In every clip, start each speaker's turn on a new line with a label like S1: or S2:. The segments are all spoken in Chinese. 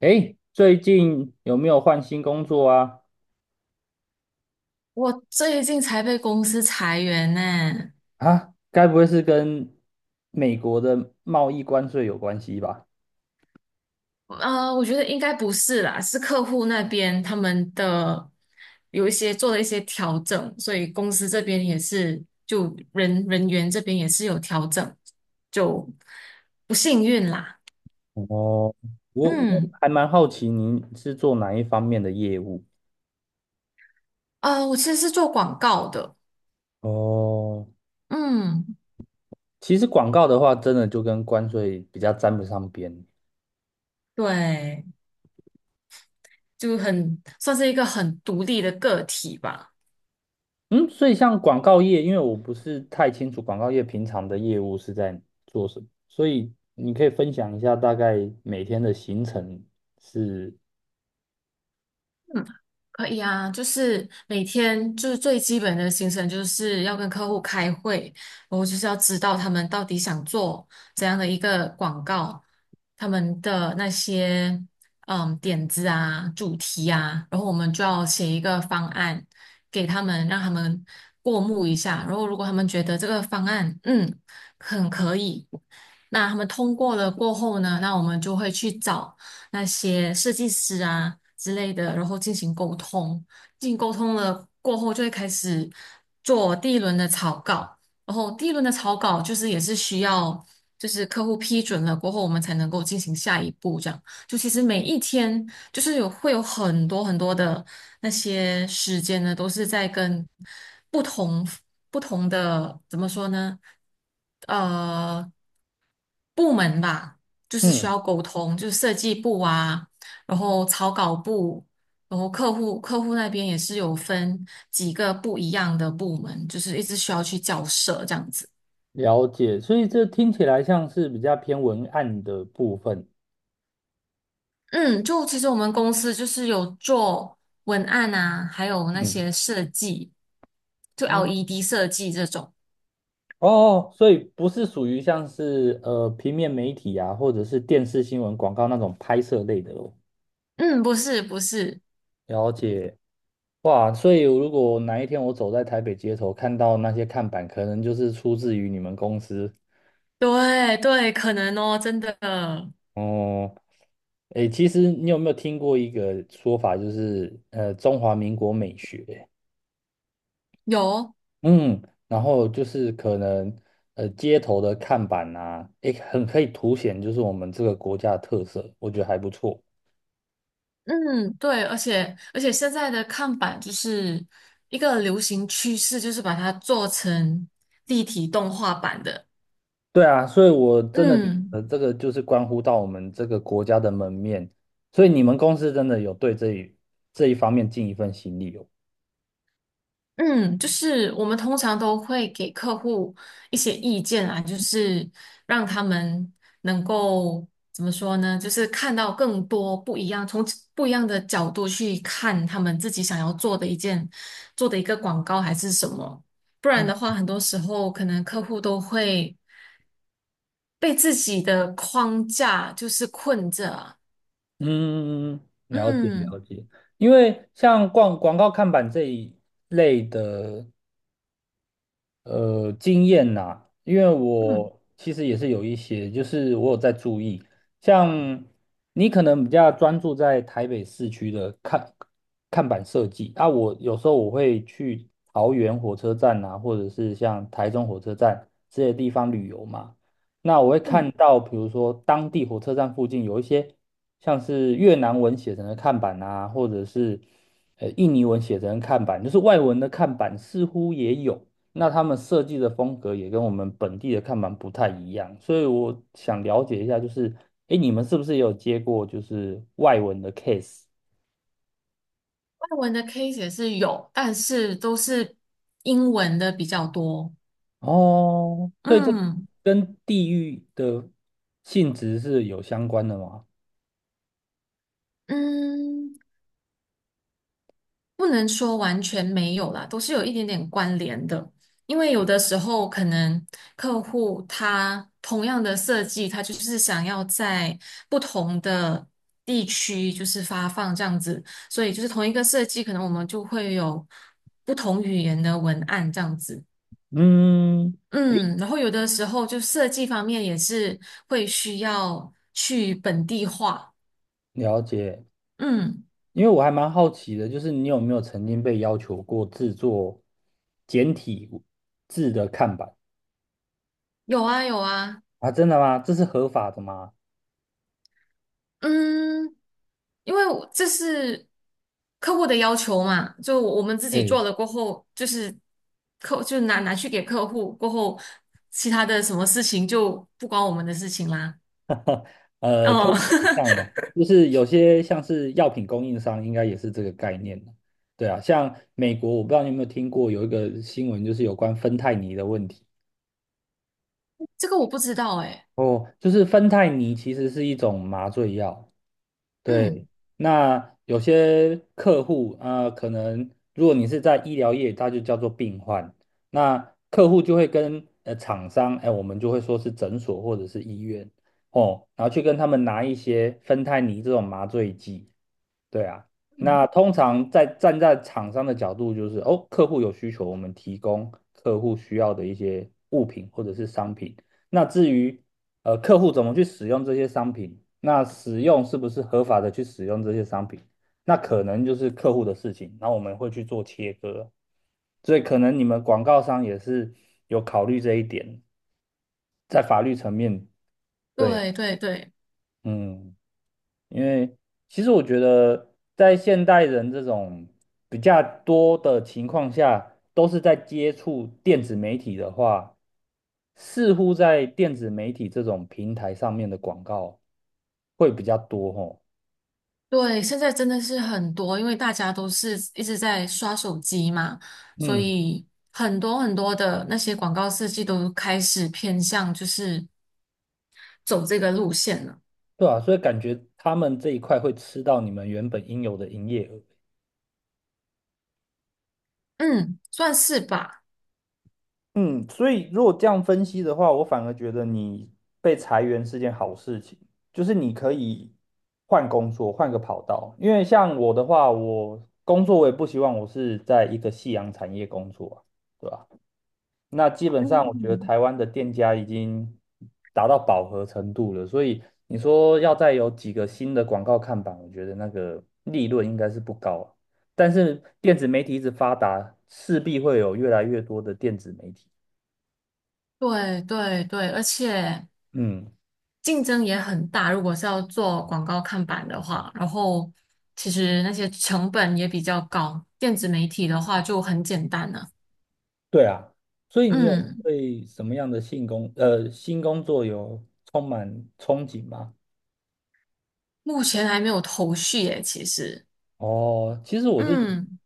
S1: 诶，最近有没有换新工作啊？
S2: 我最近才被公司裁员呢，
S1: 啊，该不会是跟美国的贸易关税有关系吧？
S2: 我觉得应该不是啦，是客户那边他们的有一些做了一些调整，所以公司这边也是就人员这边也是有调整，就不幸运啦。
S1: 哦我
S2: 嗯，
S1: 还蛮好奇您是做哪一方面的业务？
S2: 啊，我其实是做广告的，
S1: 哦，
S2: 嗯，
S1: 其实广告的话，真的就跟关税比较沾不上边。
S2: 对，就很算是一个很独立的个体吧。
S1: 嗯，所以像广告业，因为我不是太清楚广告业平常的业务是在做什么，所以你可以分享一下大概每天的行程是，
S2: 可以啊，就是每天就是最基本的行程，就是要跟客户开会，然后就是要知道他们到底想做怎样的一个广告，他们的那些点子啊、主题啊，然后我们就要写一个方案给他们，让他们过目一下。然后如果他们觉得这个方案很可以，那他们通过了过后呢，那我们就会去找那些设计师啊之类的，然后进行沟通。进行沟通了过后，就会开始做第一轮的草稿。然后第一轮的草稿就是也是需要，就是客户批准了过后，我们才能够进行下一步。这样，就其实每一天就是会有很多很多的那些时间呢，都是在跟不同不同的怎么说呢？呃部门吧，就是需
S1: 嗯，
S2: 要沟通，就是设计部啊，然后草稿部，然后客户那边也是有分几个不一样的部门，就是一直需要去交涉这样子。
S1: 了解，所以这听起来像是比较偏文案的部分。
S2: 嗯，就其实我们公司就是有做文案啊，还有那
S1: 嗯
S2: 些设计，就
S1: 嗯，
S2: LED 设计这种。
S1: 哦，所以不是属于像是平面媒体啊，或者是电视新闻广告那种拍摄类的哦。
S2: 嗯，不是不是，
S1: 了解，哇，所以如果哪一天我走在台北街头，看到那些看板，可能就是出自于你们公司。
S2: 对对，可能哦，真的
S1: 哦、诶，其实你有没有听过一个说法，就是中华民国美学？
S2: 有。
S1: 嗯，然后就是可能街头的看板啊，也很可以凸显就是我们这个国家的特色，我觉得还不错。
S2: 嗯，对，而且现在的看板就是一个流行趋势，就是把它做成立体动画版的。
S1: 对啊，所以我真的觉
S2: 嗯
S1: 得这个就是关乎到我们这个国家的门面，所以你们公司真的有对这一方面尽一份心力哦。
S2: 嗯，就是我们通常都会给客户一些意见啊，就是让他们能够怎么说呢？就是看到更多不一样，从不一样的角度去看他们自己想要做的一个广告还是什么。不然的话，很多时候可能客户都会被自己的框架就是困着啊。
S1: 嗯，了解了
S2: 嗯
S1: 解，因为像广告看板这一类的，经验呐、因为
S2: 嗯
S1: 我其实也是有一些，就是我有在注意，像你可能比较专注在台北市区的看板设计，啊，我有时候我会去桃园火车站啊，或者是像台中火车站这些地方旅游嘛，那我会看
S2: 嗯，
S1: 到，比如说当地火车站附近有一些像是越南文写成的看板啊，或者是印尼文写成的看板，就是外文的看板似乎也有。那他们设计的风格也跟我们本地的看板不太一样，所以我想了解一下，就是，哎，你们是不是也有接过就是外文的 case？
S2: 外文的 case 也是有，但是都是英文的比较多。
S1: 哦，所以这
S2: 嗯
S1: 跟地域的性质是有相关的吗？
S2: 嗯。不能说完全没有啦，都是有一点点关联的。因为有的时候可能客户他同样的设计，他就是想要在不同的地区就是发放这样子，所以就是同一个设计，可能我们就会有不同语言的文案这样子。
S1: 嗯，
S2: 嗯，然后有的时候就设计方面也是会需要去本地化。
S1: 了解。
S2: 嗯，
S1: 因为我还蛮好奇的，就是你有没有曾经被要求过制作简体字的看板
S2: 有啊有啊。
S1: 啊？真的吗？这是合法的吗？
S2: 嗯，因为我这是客户的要求嘛，就我们自己
S1: 哎，
S2: 做了过后，就是就拿去给客户过后，其他的什么事情就不关我们的事情啦。
S1: 可以
S2: 哦，
S1: 想象啊，就是有些像是药品供应商，应该也是这个概念的。对啊，像美国，我不知道你有没有听过有一个新闻，就是有关芬太尼的问题。
S2: 这个我不知道哎、
S1: 哦，就是芬太尼其实是一种麻醉药。对，
S2: 嗯
S1: 那有些客户啊、可能如果你是在医疗业，它就叫做病患。那客户就会跟厂商，哎，我们就会说是诊所或者是医院哦，然后去跟他们拿一些芬太尼这种麻醉剂。对啊，
S2: 嗯，
S1: 那通常在站在厂商的角度，就是哦，客户有需求，我们提供客户需要的一些物品或者是商品。那至于客户怎么去使用这些商品，那使用是不是合法的去使用这些商品，那可能就是客户的事情，然后我们会去做切割。所以可能你们广告商也是有考虑这一点，在法律层面，对，
S2: 对对对。
S1: 嗯。因为其实我觉得，在现代人这种比较多的情况下，都是在接触电子媒体的话，似乎在电子媒体这种平台上面的广告会比较多吼。
S2: 对，现在真的是很多，因为大家都是一直在刷手机嘛，所
S1: 嗯，
S2: 以很多很多的那些广告设计都开始偏向就是走这个路线了。
S1: 对啊，所以感觉他们这一块会吃到你们原本应有的营业额。
S2: 嗯，算是吧。
S1: 嗯，所以如果这样分析的话，我反而觉得你被裁员是件好事情，就是你可以换工作，换个跑道。因为像我的话，我工作我也不希望我是在一个夕阳产业工作啊，对吧？那基本上我觉得
S2: 嗯，
S1: 台湾的店家已经达到饱和程度了，所以你说要再有几个新的广告看板，我觉得那个利润应该是不高啊。但是电子媒体一直发达，势必会有越来越多的电子媒体。
S2: 对对对，而且
S1: 嗯，
S2: 竞争也很大，如果是要做广告看板的话，然后其实那些成本也比较高，电子媒体的话就很简单了。
S1: 对啊，所以你有
S2: 嗯，
S1: 对什么样的新工作有充满憧憬吗？
S2: 目前还没有头绪耶，其实。
S1: 哦，其实我是觉得
S2: 嗯，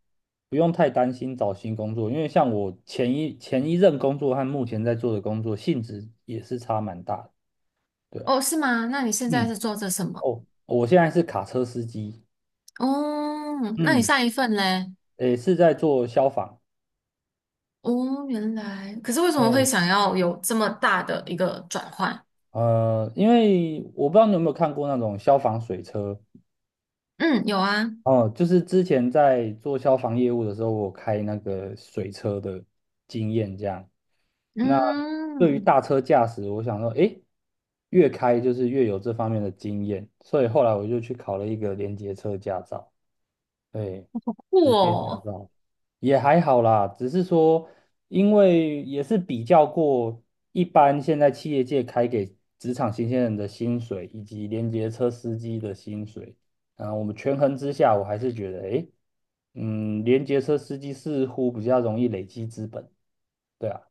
S1: 不用太担心找新工作，因为像我前一任工作和目前在做的工作性质也是差蛮大的，对啊，
S2: 哦，是吗？那你现在
S1: 嗯，
S2: 是做着什么？
S1: 哦，我现在是卡车司机，
S2: 哦，那你
S1: 嗯，
S2: 上一份嘞？
S1: 也是在做消防。
S2: 哦，原来，可是为什么会
S1: 嗯，
S2: 想要有这么大的一个转换？
S1: 因为我不知道你有没有看过那种消防水车，
S2: 嗯，有啊，
S1: 哦，就是之前在做消防业务的时候，我开那个水车的经验这样。那对于
S2: 嗯，
S1: 大车驾驶，我想说，诶，越开就是越有这方面的经验，所以后来我就去考了一个连接车驾照。对，
S2: 酷
S1: 驾
S2: 哦，
S1: 照。也还好啦，只是说，因为也是比较过一般现在企业界开给职场新鲜人的薪水，以及连接车司机的薪水，啊、我们权衡之下，我还是觉得，诶，嗯，连接车司机似乎比较容易累积资本，对啊。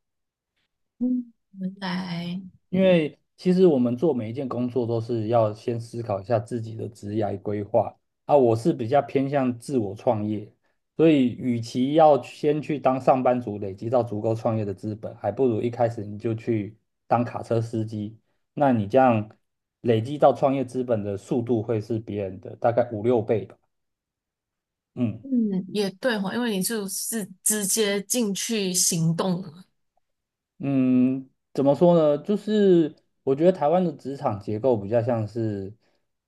S2: 嗯，原来，
S1: 因为其实我们做每一件工作都是要先思考一下自己的职业规划啊。我是比较偏向自我创业，所以与其要先去当上班族，累积到足够创业的资本，还不如一开始你就去当卡车司机。那你这样累积到创业资本的速度会是别人的大概五六倍吧。嗯。
S2: 嗯，也对哈，因为你就是直接进去行动了。
S1: 嗯，怎么说呢？就是我觉得台湾的职场结构比较像是，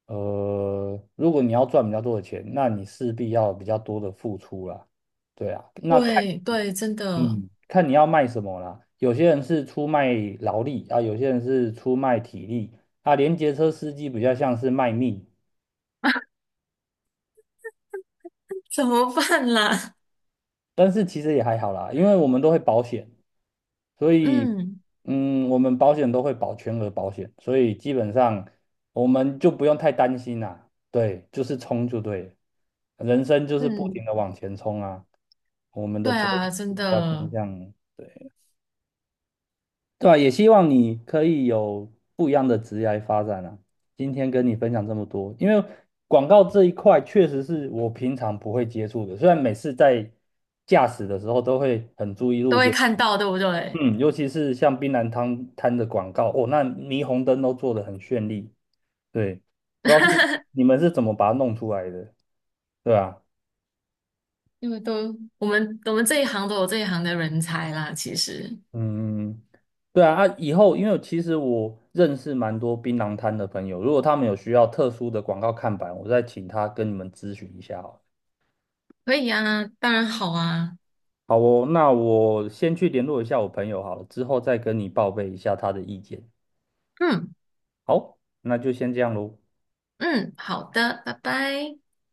S1: 如果你要赚比较多的钱，那你势必要有比较多的付出啦。对啊，那看，
S2: 对对，真的，
S1: 嗯，看你要卖什么啦。有些人是出卖劳力啊，有些人是出卖体力啊。连结车司机比较像是卖命，
S2: 怎么办啦？
S1: 但是其实也还好啦，因为我们都会保险，所以
S2: 嗯
S1: 嗯，我们保险都会保全额保险，所以基本上我们就不用太担心啦。对，就是冲就对了人生就是不停
S2: 嗯，
S1: 的往前冲啊。我们的
S2: 对
S1: 责任
S2: 啊，真
S1: 比较偏
S2: 的
S1: 向。对。对啊，也希望你可以有不一样的职业发展啊。今天跟你分享这么多，因为广告这一块确实是我平常不会接触的，虽然每次在驾驶的时候都会很注意
S2: 都
S1: 路
S2: 会
S1: 边，
S2: 看到，对不对？
S1: 嗯，尤其是像槟榔摊的广告，哦，那霓虹灯都做得很绚丽，对，不知道是 你们是怎么把它弄出来的，对啊。
S2: 因为都我们这一行都有这一行的人才啦，其实
S1: 嗯，对啊，啊，以后因为其实我认识蛮多槟榔摊的朋友，如果他们有需要特殊的广告看板，我再请他跟你们咨询一下好了
S2: 可以啊，当然好啊，
S1: 好哦，那我先去联络一下我朋友好了，之后再跟你报备一下他的意见。
S2: 嗯
S1: 好，那就先这样喽。
S2: 嗯，好的，拜拜。